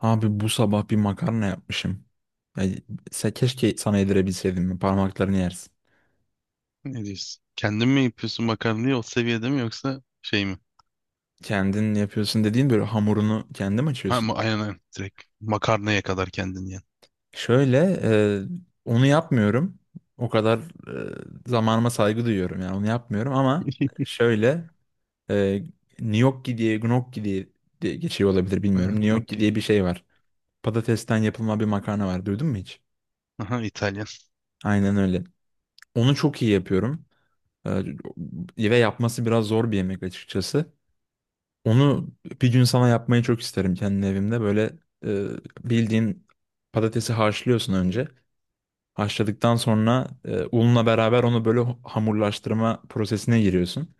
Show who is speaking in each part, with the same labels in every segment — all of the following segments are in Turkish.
Speaker 1: Abi bu sabah bir makarna yapmışım. Ya, keşke sana yedirebilseydim. Parmaklarını yersin.
Speaker 2: Ne diyorsun? Kendin mi yapıyorsun makarnayı o seviyede mi yoksa şey mi?
Speaker 1: Kendin yapıyorsun dediğin böyle hamurunu kendin mi
Speaker 2: Ha
Speaker 1: açıyorsun?
Speaker 2: ama aynen. Direkt makarnaya kadar kendin yiyen.
Speaker 1: Şöyle onu yapmıyorum. O kadar zamanıma saygı duyuyorum yani onu yapmıyorum ama şöyle e, gnocchi diye geçiyor olabilir bilmiyorum.
Speaker 2: Evet,
Speaker 1: Gnocchi
Speaker 2: okey.
Speaker 1: diye bir şey var. Patatesten yapılma bir makarna var. Duydun mu hiç?
Speaker 2: Aha İtalyan.
Speaker 1: Aynen öyle. Onu çok iyi yapıyorum. Ve yapması biraz zor bir yemek açıkçası. Onu bir gün sana yapmayı çok isterim kendi evimde. Böyle e, bildiğin patatesi haşlıyorsun önce. Haşladıktan sonra unla beraber onu böyle hamurlaştırma prosesine giriyorsun.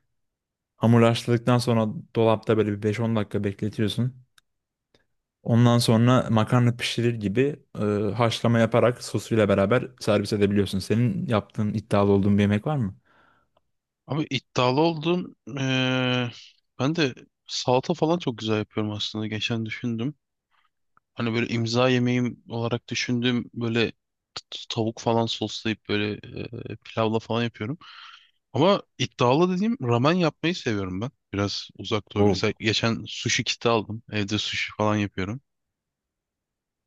Speaker 1: Hamurlaştırdıktan sonra dolapta böyle bir 5-10 dakika bekletiyorsun. Ondan sonra makarna pişirir gibi haşlama yaparak sosuyla beraber servis edebiliyorsun. Senin yaptığın iddialı olduğun bir yemek var mı?
Speaker 2: Abi iddialı oldun. Ben de salata falan çok güzel yapıyorum aslında. Geçen düşündüm. Hani böyle imza yemeğim olarak düşündüğüm böyle tavuk falan soslayıp böyle pilavla falan yapıyorum. Ama iddialı dediğim ramen yapmayı seviyorum ben. Biraz uzak doğu.
Speaker 1: Oh.
Speaker 2: Mesela geçen sushi kiti aldım. Evde sushi falan yapıyorum.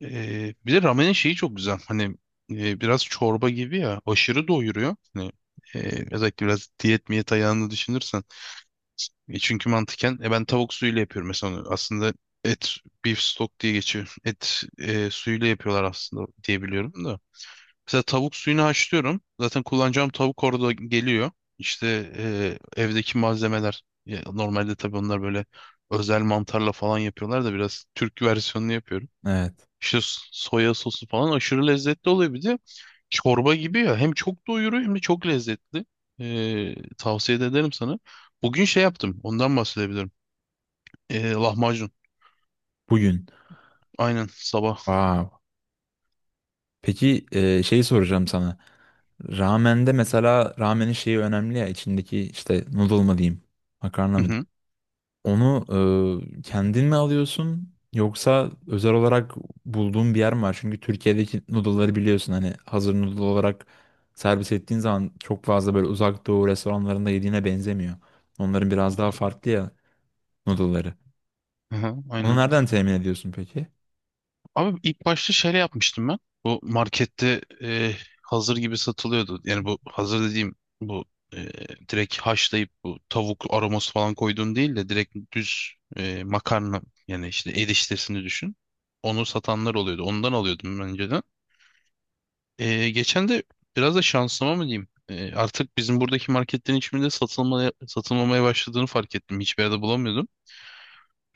Speaker 2: Bir de ramenin şeyi çok güzel. Hani biraz çorba gibi ya. Aşırı doyuruyor. Hani, özellikle biraz diyet miyet ayağını düşünürsen. Çünkü mantıken ben tavuk suyuyla yapıyorum mesela, onu. Aslında et beef stock diye geçiyor. Et suyuyla yapıyorlar aslında diye biliyorum da. Mesela tavuk suyunu haşlıyorum. Zaten kullanacağım tavuk orada geliyor. İşte evdeki malzemeler. Ya, normalde tabii onlar böyle özel mantarla falan yapıyorlar da biraz Türk versiyonunu yapıyorum.
Speaker 1: Evet.
Speaker 2: İşte soya sosu falan aşırı lezzetli oluyor. Bir de çorba gibi ya. Hem çok doyuruyor hem de çok lezzetli. Tavsiye de ederim sana. Bugün şey yaptım. Ondan bahsedebilirim. Lahmacun.
Speaker 1: Bugün.
Speaker 2: Aynen sabah.
Speaker 1: Wow. Peki şeyi soracağım sana. Ramen'de mesela ramenin şeyi önemli ya içindeki işte noodle mı diyeyim, makarna
Speaker 2: Hı
Speaker 1: mı
Speaker 2: hı.
Speaker 1: diyeyim. Onu kendin mi alıyorsun yoksa özel olarak bulduğun bir yer mi var? Çünkü Türkiye'deki noodle'ları biliyorsun hani hazır noodle olarak servis ettiğin zaman çok fazla böyle uzak doğu restoranlarında yediğine benzemiyor. Onların biraz daha farklı ya noodle'ları.
Speaker 2: Hı hı,
Speaker 1: Onu
Speaker 2: aynen.
Speaker 1: nereden temin ediyorsun peki?
Speaker 2: Abi ilk başta şöyle yapmıştım ben. Bu markette hazır gibi satılıyordu. Yani bu hazır dediğim bu e, direkt haşlayıp bu tavuk aroması falan koyduğun değil de direkt düz makarna, yani işte eriştesini düşün. Onu satanlar oluyordu. Ondan alıyordum ben önceden. E, geçen de biraz da şansıma mı diyeyim? E, artık bizim buradaki marketlerin hiçbirinde satılmaya, satılmamaya başladığını fark ettim. Hiçbir yerde bulamıyordum.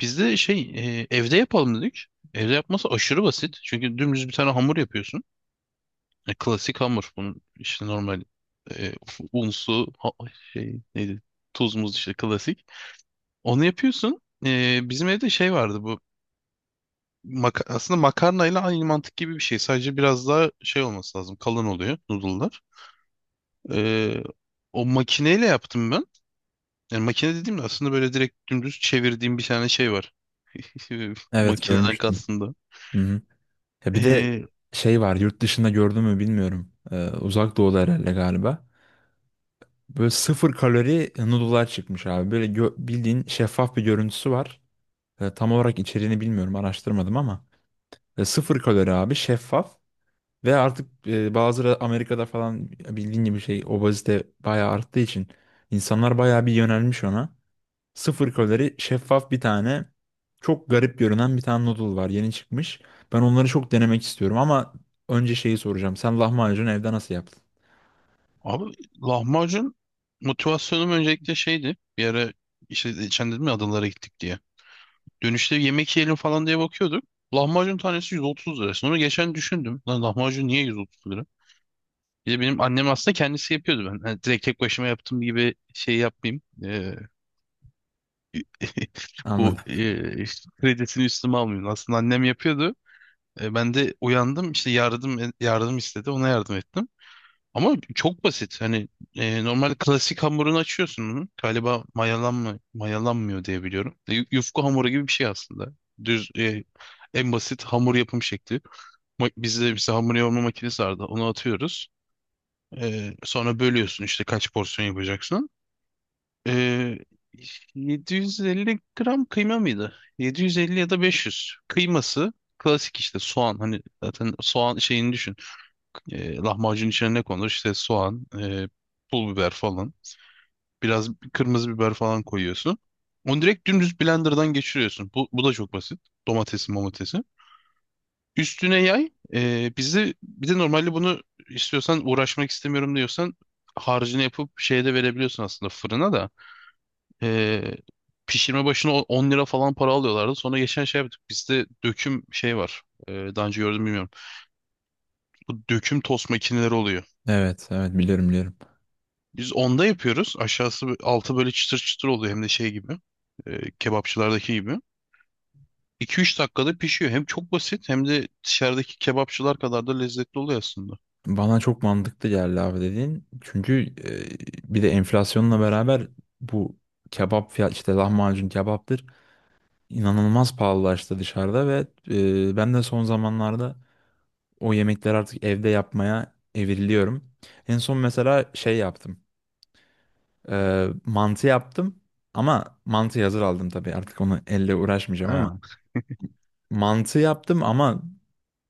Speaker 2: Biz de şey, evde yapalım dedik. Evde yapması aşırı basit. Çünkü dümdüz bir tane hamur yapıyorsun. E, klasik hamur. Bunun işte normal e, un, su, şey neydi? Tuz, muz işte klasik. Onu yapıyorsun. E, bizim evde şey vardı bu. Aslında makarnayla aynı mantık gibi bir şey. Sadece biraz daha şey olması lazım. Kalın oluyor noodle'lar. E, O makineyle yaptım ben. Yani makine dediğimde aslında böyle direkt dümdüz çevirdiğim bir tane şey var.
Speaker 1: Evet,
Speaker 2: Makineden
Speaker 1: görmüştüm.
Speaker 2: kastım da.
Speaker 1: Hı hı. Ya bir de
Speaker 2: E,
Speaker 1: şey var yurt dışında gördün mü bilmiyorum. Uzak doğuda herhalde galiba. Böyle sıfır kalori noodle'lar çıkmış abi. Böyle bildiğin şeffaf bir görüntüsü var. Tam olarak içeriğini bilmiyorum, araştırmadım ama. Sıfır kalori abi, şeffaf. Ve artık bazıları Amerika'da falan bildiğin gibi şey obezite bayağı arttığı için insanlar bayağı bir yönelmiş ona. Sıfır kalori şeffaf bir tane çok garip görünen bir tane noodle var, yeni çıkmış. Ben onları çok denemek istiyorum ama önce şeyi soracağım. Sen lahmacun evde nasıl yaptın?
Speaker 2: abi lahmacun motivasyonum öncelikle şeydi. Bir ara işte geçen dedim ya adalara gittik diye. Dönüşte yemek yiyelim falan diye bakıyorduk. Lahmacun tanesi 130 lira. Sonra geçen düşündüm. Lan lahmacun niye 130 lira? Bir de benim annem aslında kendisi yapıyordu ben. Hani direkt tek başıma yaptığım gibi şey yapmayayım. Bu
Speaker 1: Anladım.
Speaker 2: işte kredisini üstüme almayayım. Aslında annem yapıyordu. E, ben de uyandım, işte yardım istedi. Ona yardım ettim. Ama çok basit. Hani normal klasik hamurunu açıyorsun bunun. Galiba mayalanmıyor diye biliyorum. Yufka hamuru gibi bir şey aslında. Düz en basit hamur yapım şekli. Bizde mesela hamur yoğurma makinesi vardı. Onu atıyoruz. E, sonra bölüyorsun işte kaç porsiyon yapacaksın. E, 750 gram kıyma mıydı? 750 ya da 500. Kıyması klasik işte soğan. Hani zaten soğan şeyini düşün. E, lahmacun içine ne konur? İşte soğan, pul biber falan. Biraz kırmızı biber falan koyuyorsun. Onu direkt dümdüz blenderdan geçiriyorsun. Bu da çok basit. Domatesi. Üstüne yay. Bir de normalde bunu istiyorsan, uğraşmak istemiyorum diyorsan, harcını yapıp şeyde verebiliyorsun aslında, fırına da. E, pişirme başına 10 lira falan para alıyorlardı. Sonra geçen şey yaptık. Bizde döküm şey var. E, daha önce gördüm bilmiyorum. Bu döküm tost makineleri oluyor.
Speaker 1: Evet, evet, biliyorum biliyorum.
Speaker 2: Biz onda yapıyoruz. Aşağısı altı böyle çıtır çıtır oluyor, hem de şey gibi, kebapçılardaki gibi. 2 üç dakikada pişiyor. Hem çok basit hem de dışarıdaki kebapçılar kadar da lezzetli oluyor aslında.
Speaker 1: Bana çok mantıklı geldi abi dediğin. Çünkü bir de enflasyonla beraber bu kebap fiyat işte lahmacun kebaptır inanılmaz pahalılaştı dışarıda ve ben de son zamanlarda o yemekleri artık evde yapmaya evriliyorum. En son mesela şey yaptım. Mantı yaptım ama mantı hazır aldım tabii, artık onu elle uğraşmayacağım ama
Speaker 2: Ha.
Speaker 1: mantı yaptım ama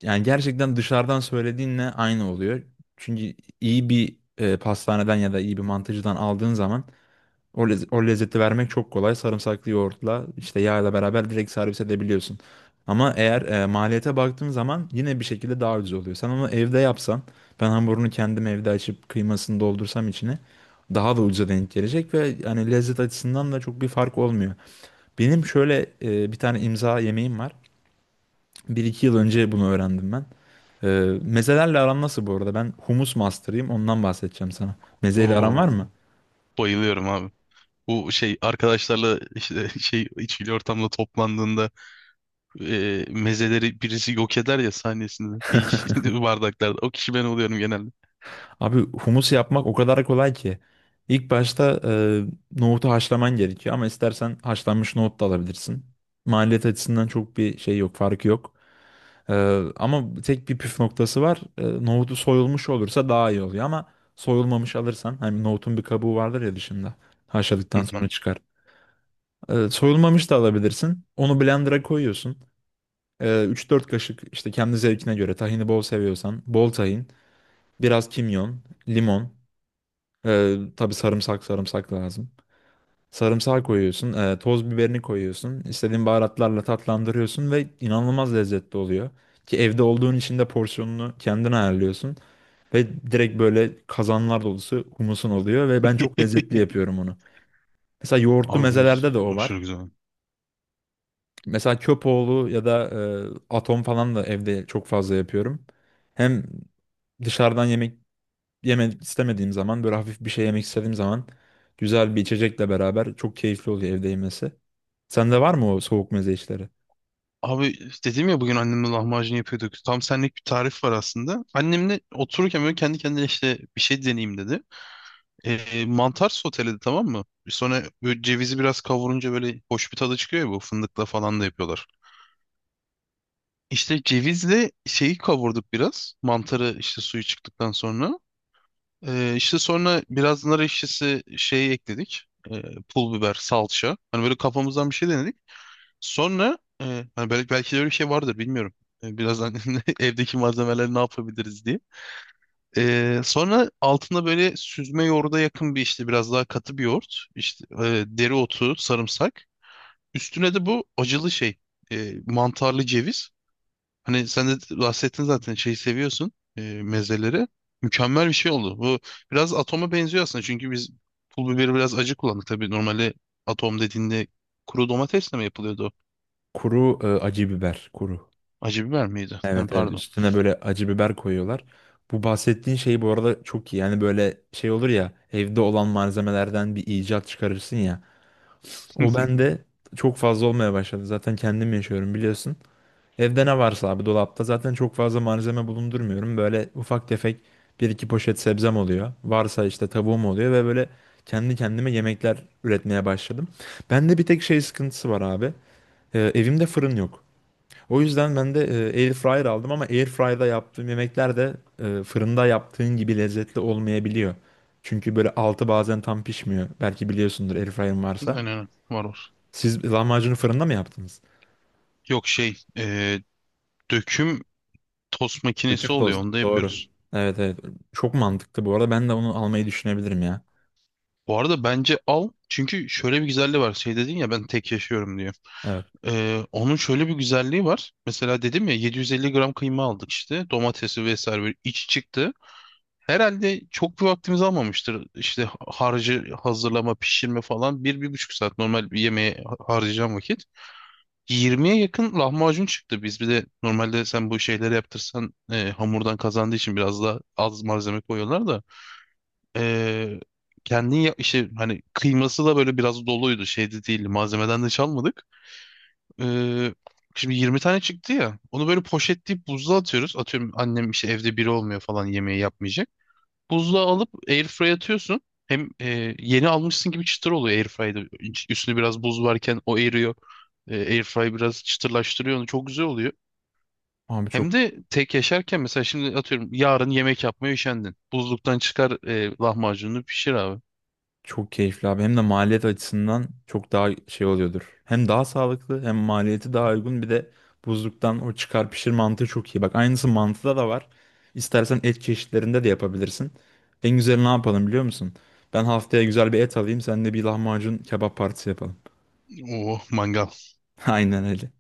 Speaker 1: yani gerçekten dışarıdan söylediğinle aynı oluyor. Çünkü iyi bir pastaneden ya da iyi bir mantıcıdan aldığın zaman o lezzeti vermek çok kolay. Sarımsaklı yoğurtla işte yağla beraber direkt servis edebiliyorsun. Ama eğer maliyete baktığın zaman yine bir şekilde daha ucuz oluyor. Sen onu evde yapsan, ben hamurunu kendim evde açıp kıymasını doldursam içine daha da ucuza denk gelecek ve yani lezzet açısından da çok bir fark olmuyor. Benim şöyle bir tane imza yemeğim var. Bir iki yıl önce bunu öğrendim ben. E, Mezelerle aram nasıl bu arada? Ben humus master'ıyım. Ondan bahsedeceğim sana. Mezeyle aran
Speaker 2: Oo,
Speaker 1: var mı?
Speaker 2: bayılıyorum abi. Bu şey arkadaşlarla işte şey içkili ortamda toplandığında mezeleri birisi yok eder ya sahnesinde ilk bardaklarda. O kişi ben oluyorum genelde.
Speaker 1: Abi humus yapmak o kadar kolay ki. İlk başta nohutu haşlaman gerekiyor ama istersen haşlanmış nohut da alabilirsin. Maliyet açısından çok bir şey yok, farkı yok. E, Ama tek bir püf noktası var. Nohutu soyulmuş olursa daha iyi oluyor ama soyulmamış alırsan hani nohutun bir kabuğu vardır ya dışında.
Speaker 2: Hı
Speaker 1: Haşladıktan
Speaker 2: hı.
Speaker 1: sonra çıkar. Soyulmamış da alabilirsin. Onu blender'a koyuyorsun. 3-4 kaşık işte kendi zevkine göre tahini, bol seviyorsan bol tahin, biraz kimyon, limon. Tabii sarımsak lazım. Sarımsağı koyuyorsun, toz biberini koyuyorsun, istediğin baharatlarla tatlandırıyorsun ve inanılmaz lezzetli oluyor. Ki evde olduğun için de porsiyonunu kendin ayarlıyorsun. Ve direkt böyle kazanlar dolusu humusun oluyor ve ben çok lezzetli yapıyorum onu. Mesela yoğurtlu
Speaker 2: Abi
Speaker 1: mezelerde de
Speaker 2: humus
Speaker 1: o
Speaker 2: aşırı
Speaker 1: var.
Speaker 2: güzel.
Speaker 1: Mesela köpoğlu ya da atom falan da evde çok fazla yapıyorum. Hem dışarıdan yemek yemek istemediğim zaman böyle hafif bir şey yemek istediğim zaman güzel bir içecekle beraber çok keyifli oluyor evde yemesi. Sende var mı o soğuk meze işleri?
Speaker 2: Abi dedim ya bugün annemle lahmacun yapıyorduk. Tam senlik bir tarif var aslında. Annemle otururken böyle kendi kendine işte bir şey deneyeyim dedi. E, mantar soteledi, tamam mı? Sonra böyle cevizi biraz kavurunca böyle hoş bir tadı çıkıyor ya, bu fındıkla falan da yapıyorlar. İşte cevizle şeyi kavurduk biraz. Mantarı işte suyu çıktıktan sonra. E, işte sonra biraz nar ekşisi şeyi ekledik. E, pul biber, salça. Hani böyle kafamızdan bir şey denedik. Sonra e, hani belki de öyle bir şey vardır bilmiyorum. E, birazdan evdeki malzemeleri ne yapabiliriz diye. Sonra altında böyle süzme yoğurda yakın bir, işte biraz daha katı bir yoğurt. İşte dereotu, sarımsak. Üstüne de bu acılı şey, mantarlı ceviz. Hani sen de bahsettin zaten şeyi seviyorsun, mezeleri. Mükemmel bir şey oldu. Bu biraz atoma benziyor aslında. Çünkü biz pul biberi biraz acı kullandık. Tabii normalde atom dediğinde kuru domatesle mi yapılıyordu, o?
Speaker 1: Kuru acı biber, kuru.
Speaker 2: Acı biber miydi? Ha,
Speaker 1: Evet, evet,
Speaker 2: pardon.
Speaker 1: üstüne böyle acı biber koyuyorlar. Bu bahsettiğin şey bu arada çok iyi. Yani böyle şey olur ya, evde olan malzemelerden bir icat çıkarırsın ya. O bende çok fazla olmaya başladı. Zaten kendim yaşıyorum biliyorsun. Evde ne varsa abi, dolapta zaten çok fazla malzeme bulundurmuyorum. Böyle ufak tefek bir iki poşet sebzem oluyor. Varsa işte tavuğum oluyor ve böyle kendi kendime yemekler üretmeye başladım. Bende bir tek şey sıkıntısı var abi. Evimde fırın yok. O yüzden ben de air fryer aldım ama air fryer'da yaptığım yemekler de fırında yaptığın gibi lezzetli olmayabiliyor. Çünkü böyle altı bazen tam pişmiyor. Belki biliyorsundur air fryer'ın
Speaker 2: Aynen
Speaker 1: varsa.
Speaker 2: aynen. Var.
Speaker 1: Siz lahmacunu fırında mı yaptınız?
Speaker 2: Yok şey, döküm tost
Speaker 1: Bütün
Speaker 2: makinesi oluyor.
Speaker 1: tost.
Speaker 2: Onu da
Speaker 1: Doğru.
Speaker 2: yapıyoruz.
Speaker 1: Evet, evet. Çok mantıklı bu arada. Ben de onu almayı düşünebilirim ya.
Speaker 2: Bu arada bence al. Çünkü şöyle bir güzelliği var. Şey dedin ya, ben tek yaşıyorum diye.
Speaker 1: Evet.
Speaker 2: Onun şöyle bir güzelliği var. Mesela dedim ya 750 gram kıyma aldık işte. Domatesi vesaire böyle iç çıktı. Herhalde çok bir vaktimiz almamıştır. İşte harcı hazırlama, pişirme falan. Bir, bir buçuk saat normal bir yemeğe harcayacağım vakit. 20'ye yakın lahmacun çıktı. Biz bir de normalde sen bu şeyleri yaptırsan, hamurdan kazandığı için biraz daha az malzeme koyuyorlar da. Ee, Kendin ya işte, hani kıyması da böyle biraz doluydu şeyde değil, malzemeden de çalmadık. Ee, Şimdi 20 tane çıktı ya, onu böyle poşetleyip buzluğa atıyoruz. Atıyorum annem işte evde, biri olmuyor falan, yemeği yapmayacak. Buzluğa alıp airfryer'a atıyorsun. Hem yeni almışsın gibi çıtır oluyor airfryer'da. Üstünde biraz buz varken o eriyor. E, airfryer biraz çıtırlaştırıyor onu, çok güzel oluyor.
Speaker 1: Abi
Speaker 2: Hem de tek yaşarken mesela, şimdi atıyorum yarın yemek yapmaya üşendin. Buzluktan çıkar, lahmacununu pişir abi.
Speaker 1: çok keyifli abi. Hem de maliyet açısından çok daha şey oluyordur. Hem daha sağlıklı hem maliyeti daha uygun. Bir de buzluktan o çıkar pişir mantığı çok iyi. Bak aynısı mantıda da var. İstersen et çeşitlerinde de yapabilirsin. En güzeli ne yapalım biliyor musun? Ben haftaya güzel bir et alayım. Sen de bir lahmacun kebap partisi yapalım.
Speaker 2: Oo manga.
Speaker 1: Aynen öyle.